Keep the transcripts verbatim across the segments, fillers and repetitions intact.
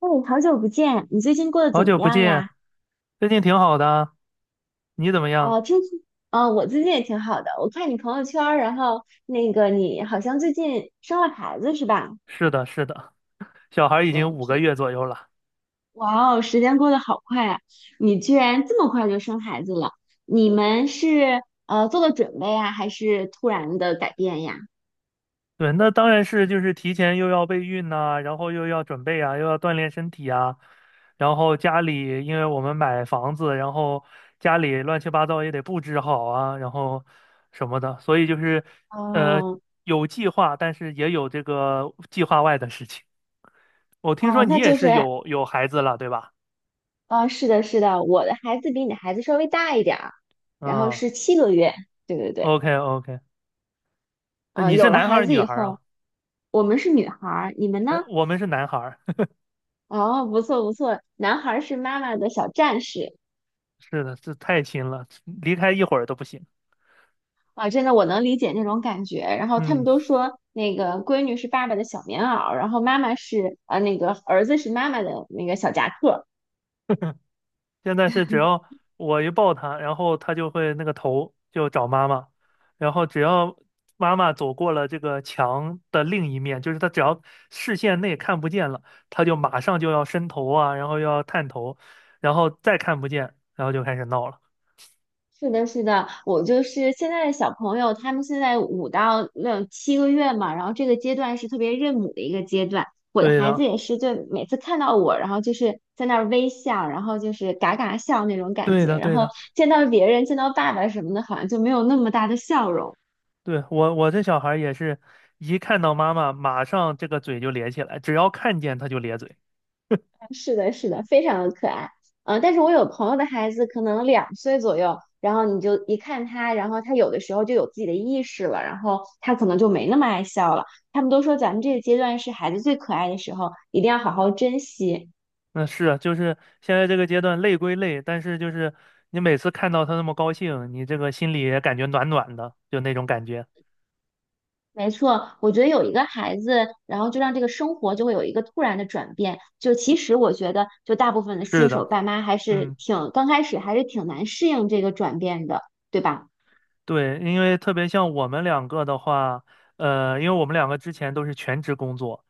哎，好久不见，你最近过得好怎么久不样见，呀？最近挺好的啊。你怎么样？哦，听说，哦，我最近也挺好的。我看你朋友圈儿然后那个你好像最近生了孩子是吧？是的，是的，小孩已经嗯，五个是。月左右了。哇哦，时间过得好快啊！你居然这么快就生孩子了？你们是呃做了准备啊，还是突然的改变呀？对，那当然是就是提前又要备孕呐、然后又要准备啊，又要锻炼身体啊，然后家里因为我们买房子，然后家里乱七八糟也得布置好啊，然后什么的，所以就是呃哦有计划，但是也有这个计划外的事情。我听说哦，你那也就是是有有孩子了，对吧？哦，是的，是的，我的孩子比你的孩子稍微大一点儿，然后嗯是七个月。对对对。，OK OK，那呃，你是有了男孩孩儿子女以孩儿啊？后，我们是女孩儿，你们呢？呃，我们是男孩儿。哦，不错不错，男孩儿是妈妈的小战士。 是的，是太亲了，离开一会儿都不行。啊，真的我能理解那种感觉。然后他们嗯。都说那个闺女是爸爸的小棉袄，然后妈妈是呃那个儿子是妈妈的那个小夹克。现在是只要我一抱他，然后他就会那个头就找妈妈，然后只要妈妈走过了这个墙的另一面，就是他只要视线内看不见了，他就马上就要伸头啊，然后又要探头，然后再看不见，然后就开始闹了。是的，是的，我就是现在的小朋友，他们现在五到六七个月嘛，然后这个阶段是特别认母的一个阶段。我的对孩子的，也是，就每次看到我，然后就是在那儿微笑，然后就是嘎嘎笑那种感对觉，的，然对后的。见到别人，见到爸爸什么的，好像就没有那么大的笑容。对，我我这小孩儿也是一看到妈妈，马上这个嘴就咧起来，只要看见他就咧嘴。是的，是的，非常的可爱。嗯，但是我有朋友的孩子可能两岁左右，然后你就一看他，然后他有的时候就有自己的意识了，然后他可能就没那么爱笑了。他们都说咱们这个阶段是孩子最可爱的时候，一定要好好珍惜。那是啊，就是现在这个阶段累归累，但是就是你每次看到他那么高兴，你这个心里也感觉暖暖的，就那种感觉。没错，我觉得有一个孩子，然后就让这个生活就会有一个突然的转变。就其实我觉得，就大部分的是新手的，爸妈还是嗯。挺刚开始还是挺难适应这个转变的，对吧？对，因为特别像我们两个的话，呃，因为我们两个之前都是全职工作，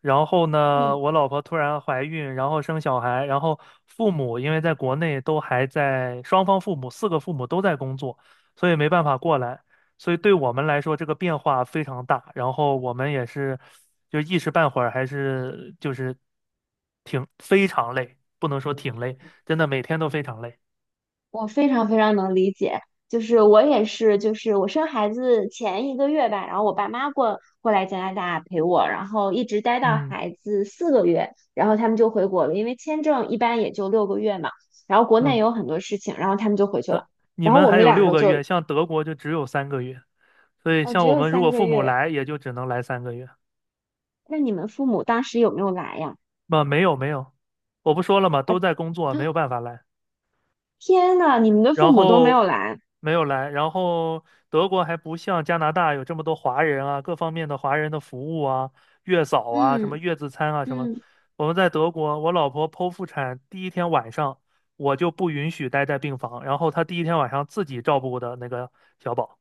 然后呢，嗯。我老婆突然怀孕，然后生小孩，然后父母因为在国内都还在，双方父母四个父母都在工作，所以没办法过来，所以对我们来说这个变化非常大，然后我们也是就一时半会儿还是就是挺非常累，不能说挺累，真的每天都非常累。我非常非常能理解，就是我也是，就是我生孩子前一个月吧，然后我爸妈过过来加拿大陪我，然后一直待到嗯孩子四个月，然后他们就回国了，因为签证一般也就六个月嘛，然后国内嗯。有很多事情，然后他们就回去那了，你然后们我还们有两六个个就。月，像德国就只有三个月，所以哦，只像我有们如三果个父母月，来，也就只能来三个月。那你们父母当时有没有来呀？不，没有没有，我不说了嘛，啊，都在工作，没有 办法来。天呐，你们的父然母都没后有来。没有来，然后德国还不像加拿大有这么多华人啊，各方面的华人的服务啊，月嫂啊，什么嗯月子餐啊，什么。嗯，我们在德国，我老婆剖腹产第一天晚上，我就不允许待在病房，然后她第一天晚上自己照顾的那个小宝。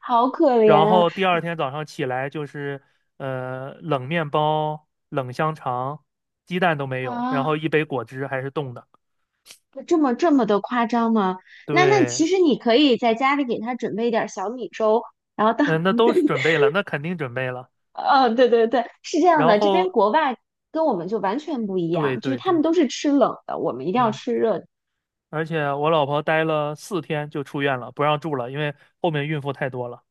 好可然怜后第二天早上起来就是呃冷面包、冷香肠，鸡蛋都没有，然后啊。一杯果汁还是冻的。这么这么的夸张吗？那那对，其实你可以在家里给他准备一点儿小米粥，然后嗯、当，那都是 准备了，那肯定准备了。嗯、对对对，是这样然的，这边后国外跟我们就完全不一对样，就是对他对，们都是吃冷的，我们一定要嗯，吃热的。而且我老婆待了四天就出院了，不让住了，因为后面孕妇太多了。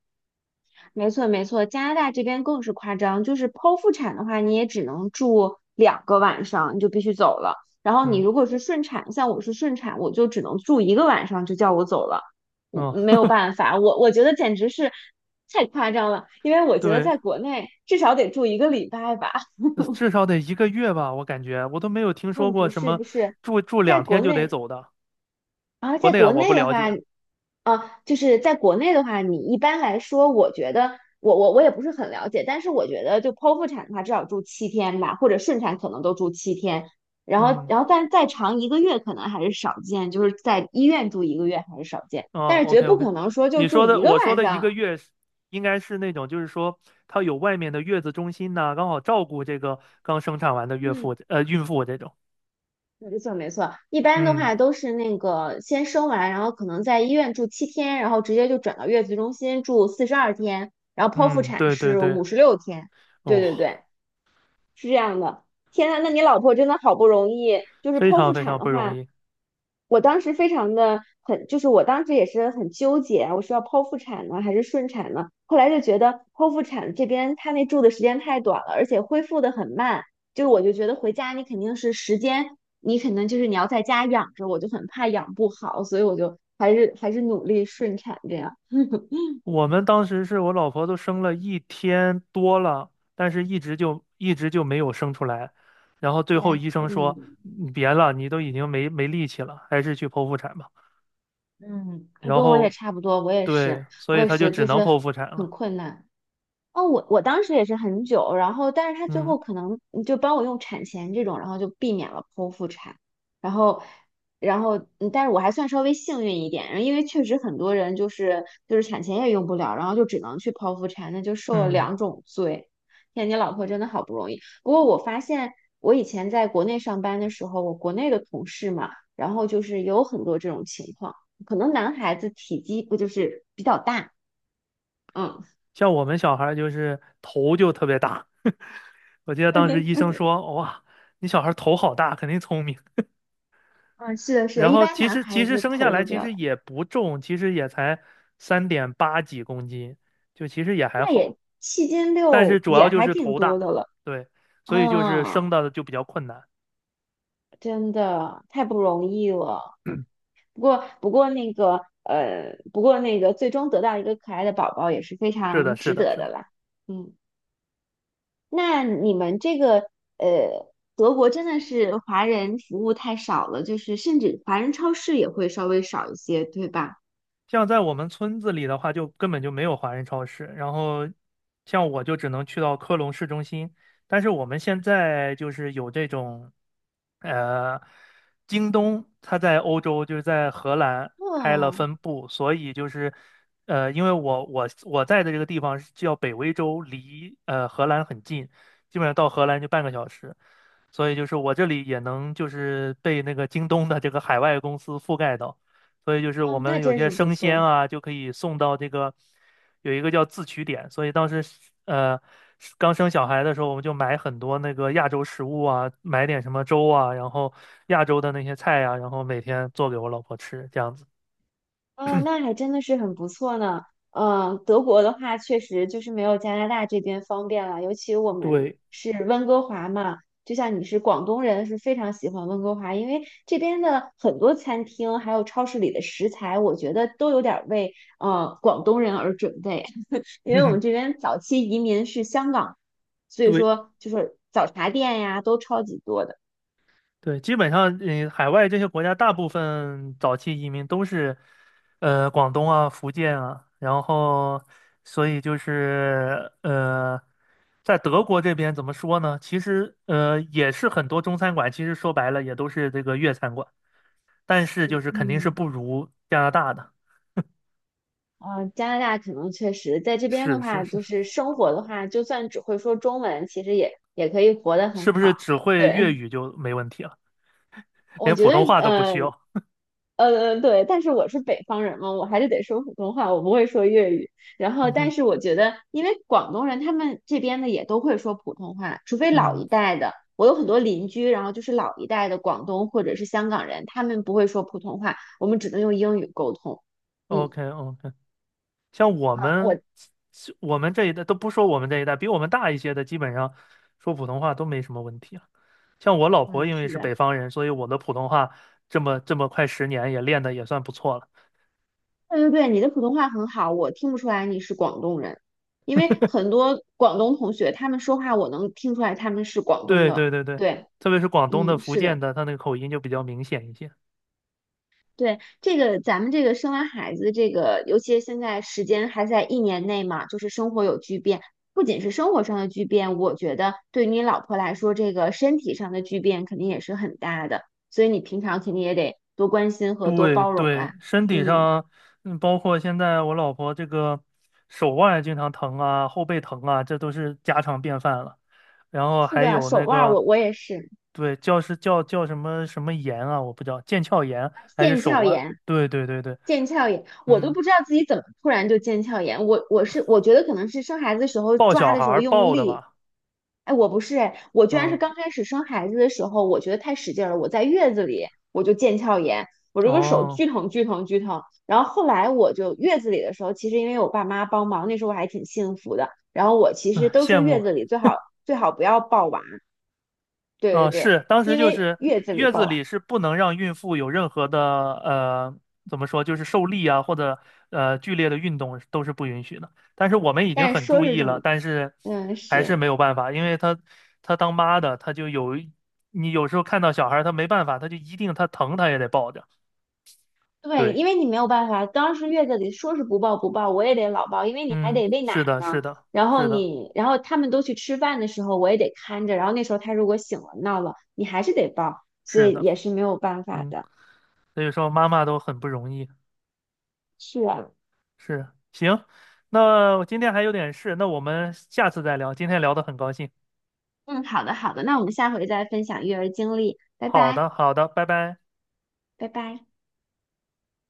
没错，没错，加拿大这边更是夸张，就是剖腹产的话，你也只能住两个晚上，你就必须走了。然后你嗯如果是顺产，像我是顺产，我就只能住一个晚上，就叫我走了，我没嗯。有办法，我我觉得简直是太夸张了，因为 我觉得对，在国内至少得住一个礼拜吧。呃至少得一个月吧，我感觉我都没有听说嗯，过不什是么不是，住住在两天国就得内，走的，然后国在内啊国我不内的了话，解。啊，就是在国内的话，你一般来说，我觉得我我我也不是很了解，但是我觉得就剖腹产的话，至少住七天吧，或者顺产可能都住七天，然后嗯。然后但再长一个月可能还是少见，就是在医院住一个月还是少见，哦但是绝，OK 不 OK，可能说就你住说的一个我说晚的一上。个月是应该是那种，就是说它有外面的月子中心呐、刚好照顾这个刚生产完的岳嗯，妇呃孕妇这种。没错没错，一般的嗯话都是那个先生完，然后可能在医院住七天，然后直接就转到月子中心住四十二天，然后剖腹嗯，产对对是对。五十六天。对对哦，对，是这样的，天呐，那你老婆真的好不容易，就是非剖常腹非产常的不容话，易。我当时非常的很，就是我当时也是很纠结啊，我是要剖腹产呢还是顺产呢？后来就觉得剖腹产这边他那住的时间太短了，而且恢复的很慢，就是我就觉得回家你肯定是时间，你可能就是你要在家养着，我就很怕养不好，所以我就还是还是努力顺产这样。我们当时是我老婆都生了一天多了，但是一直就一直就没有生出来，然后最 后来医生嗯，说你别了，你都已经没没力气了，还是去剖腹产吧。嗯，然跟我也后差不多，我也是，对，所我以也她就是，只就能是剖腹产很了。困难。哦，我我当时也是很久，然后但是他最后嗯，可能嗯就帮我用产前这种，然后就避免了剖腹产，然后然后嗯但是我还算稍微幸运一点，然后因为确实很多人就是就是产前也用不了，然后就只能去剖腹产，那就受了嗯，两种罪。天，你老婆真的好不容易。不过我发现我以前在国内上班的时候，我国内的同事嘛，然后就是有很多这种情况，可能男孩子体积不就是比较大。嗯。像我们小孩儿就是头就特别大，我记得当时医生说，哇，你小孩儿头好大，肯定聪明。嗯，是的，是的，然一后般其男实其孩实子生下头都来比其较大，实也不重，其实也才三点八几公斤，就其实也还那好。也七斤但是六主也要就还是挺头多大，的了。对，所以就是啊，生的就比较困难。真的太不容易了。不过，不过那个，呃，不过那个，最终得到一个可爱的宝宝也是非是的，常是值的，得是的的。啦。嗯，那你们这个，呃，德国真的是华人服务太少了，就是甚至华人超市也会稍微少一些，对吧？像在我们村子里的话，就根本就没有华人超市。然后，像我就只能去到科隆市中心。但是我们现在就是有这种，呃，京东它在欧洲就是在荷兰开了哇，分部，所以就是，呃，因为我我我在的这个地方是叫北威州，离呃荷兰很近，基本上到荷兰就半个小时。所以就是我这里也能就是被那个京东的这个海外公司覆盖到。所以就是我哦，那们有真些是不生鲜错。啊，就可以送到这个有一个叫自取点，所以当时呃刚生小孩的时候，我们就买很多那个亚洲食物啊，买点什么粥啊，然后亚洲的那些菜啊，然后每天做给我老婆吃，这样子。哦，那还真的是很不错呢。嗯，德国的话确实就是没有加拿大这边方便了，尤其我们对，是温哥华嘛，就像你是广东人，是非常喜欢温哥华，因为这边的很多餐厅还有超市里的食材，我觉得都有点儿为呃广东人而准备，因为我们这 边早期移民是香港，所以对，说就是早茶店呀都超级多的。对，基本上，嗯，海外这些国家大部分早期移民都是，呃，广东啊、福建啊，然后，所以就是，呃，在德国这边怎么说呢？其实，呃，也是很多中餐馆，其实说白了也都是这个粤餐馆，但是就是肯定是嗯。不如加拿大的。呃，加拿大可能确实在这边的是是话，是，就是生活的话，就算只会说中文，其实也也可以活得是很不是好。只会粤对，语就没问题了？我连觉普得，通话都不呃需要？呃，对，但是我是北方人嘛，我还是得说普通话，我不会说粤语。然后，嗯但哼，是我觉得，因为广东人他们这边的也都会说普通话，除非老嗯一代的，我有很多邻居，然后就是老一代的广东或者是香港人，他们不会说普通话，我们只能用英语沟通。嗯，，OK OK。像我啊，我，们我们这一代都不说我们这一代，比我们大一些的，基本上说普通话都没什么问题啊。像我老婆嗯，因为是是的。北方人，所以我的普通话这么这么快十年也练的也算不错了。对对对，你的普通话很好，我听不出来你是广东人，因为很多广东同学他们说话，我能听出来他们是广东对对的。对对，对，特别是广东的、嗯，福是建的，的，他那个口音就比较明显一些。对，这个咱们这个生完孩子，这个尤其现在时间还在一年内嘛，就是生活有巨变，不仅是生活上的巨变，我觉得对于你老婆来说，这个身体上的巨变肯定也是很大的，所以你平常肯定也得多关心和多对包容对，啦。身体嗯，上，嗯，包括现在我老婆这个手腕经常疼啊，后背疼啊，这都是家常便饭了。然后是还的，有手那腕儿我个，我也是对，叫是叫叫什么什么炎啊，我不知道，腱鞘炎还是腱手鞘腕？炎。对对对对，腱鞘炎，我都嗯，不知道自己怎么突然就腱鞘炎。我我是我觉得可能是生孩子的时候抱抓小的孩时候儿用抱的力，吧？哎，我不是哎，我居然是嗯，刚开始生孩子的时候，我觉得太使劲了，我在月子里我就腱鞘炎，我这个手哦，巨疼巨疼巨疼。然后后来我就月子里的时候，其实因为我爸妈帮忙，那时候我还挺幸福的。然后我其实唉都羡说月慕。子里最好最好不要抱娃，对对嗯，对，是，当时因就为是月子里月子抱娃，里是不能让孕妇有任何的呃，怎么说，就是受力啊，或者呃剧烈的运动都是不允许的。但是我们已经但是很说注是意这了，么，但是嗯还是是。没有办法，因为她她当妈的，她就有你有时候看到小孩儿，她没办法，她就一定她疼，她也得抱着。对，对，因为你没有办法，当时月子里说是不抱不抱，我也得老抱，因为你还嗯，得喂奶是的，是呢。的，然后是的，你，然后他们都去吃饭的时候，我也得看着。然后那时候他如果醒了闹了，你还是得抱，所是以的，也是没有办法嗯，的。所以说妈妈都很不容易。是啊，是，行，那我今天还有点事，那我们下次再聊。今天聊得很高兴。嗯，好的好的，那我们下回再分享育儿经历，拜好拜，的，好的，拜拜。拜拜。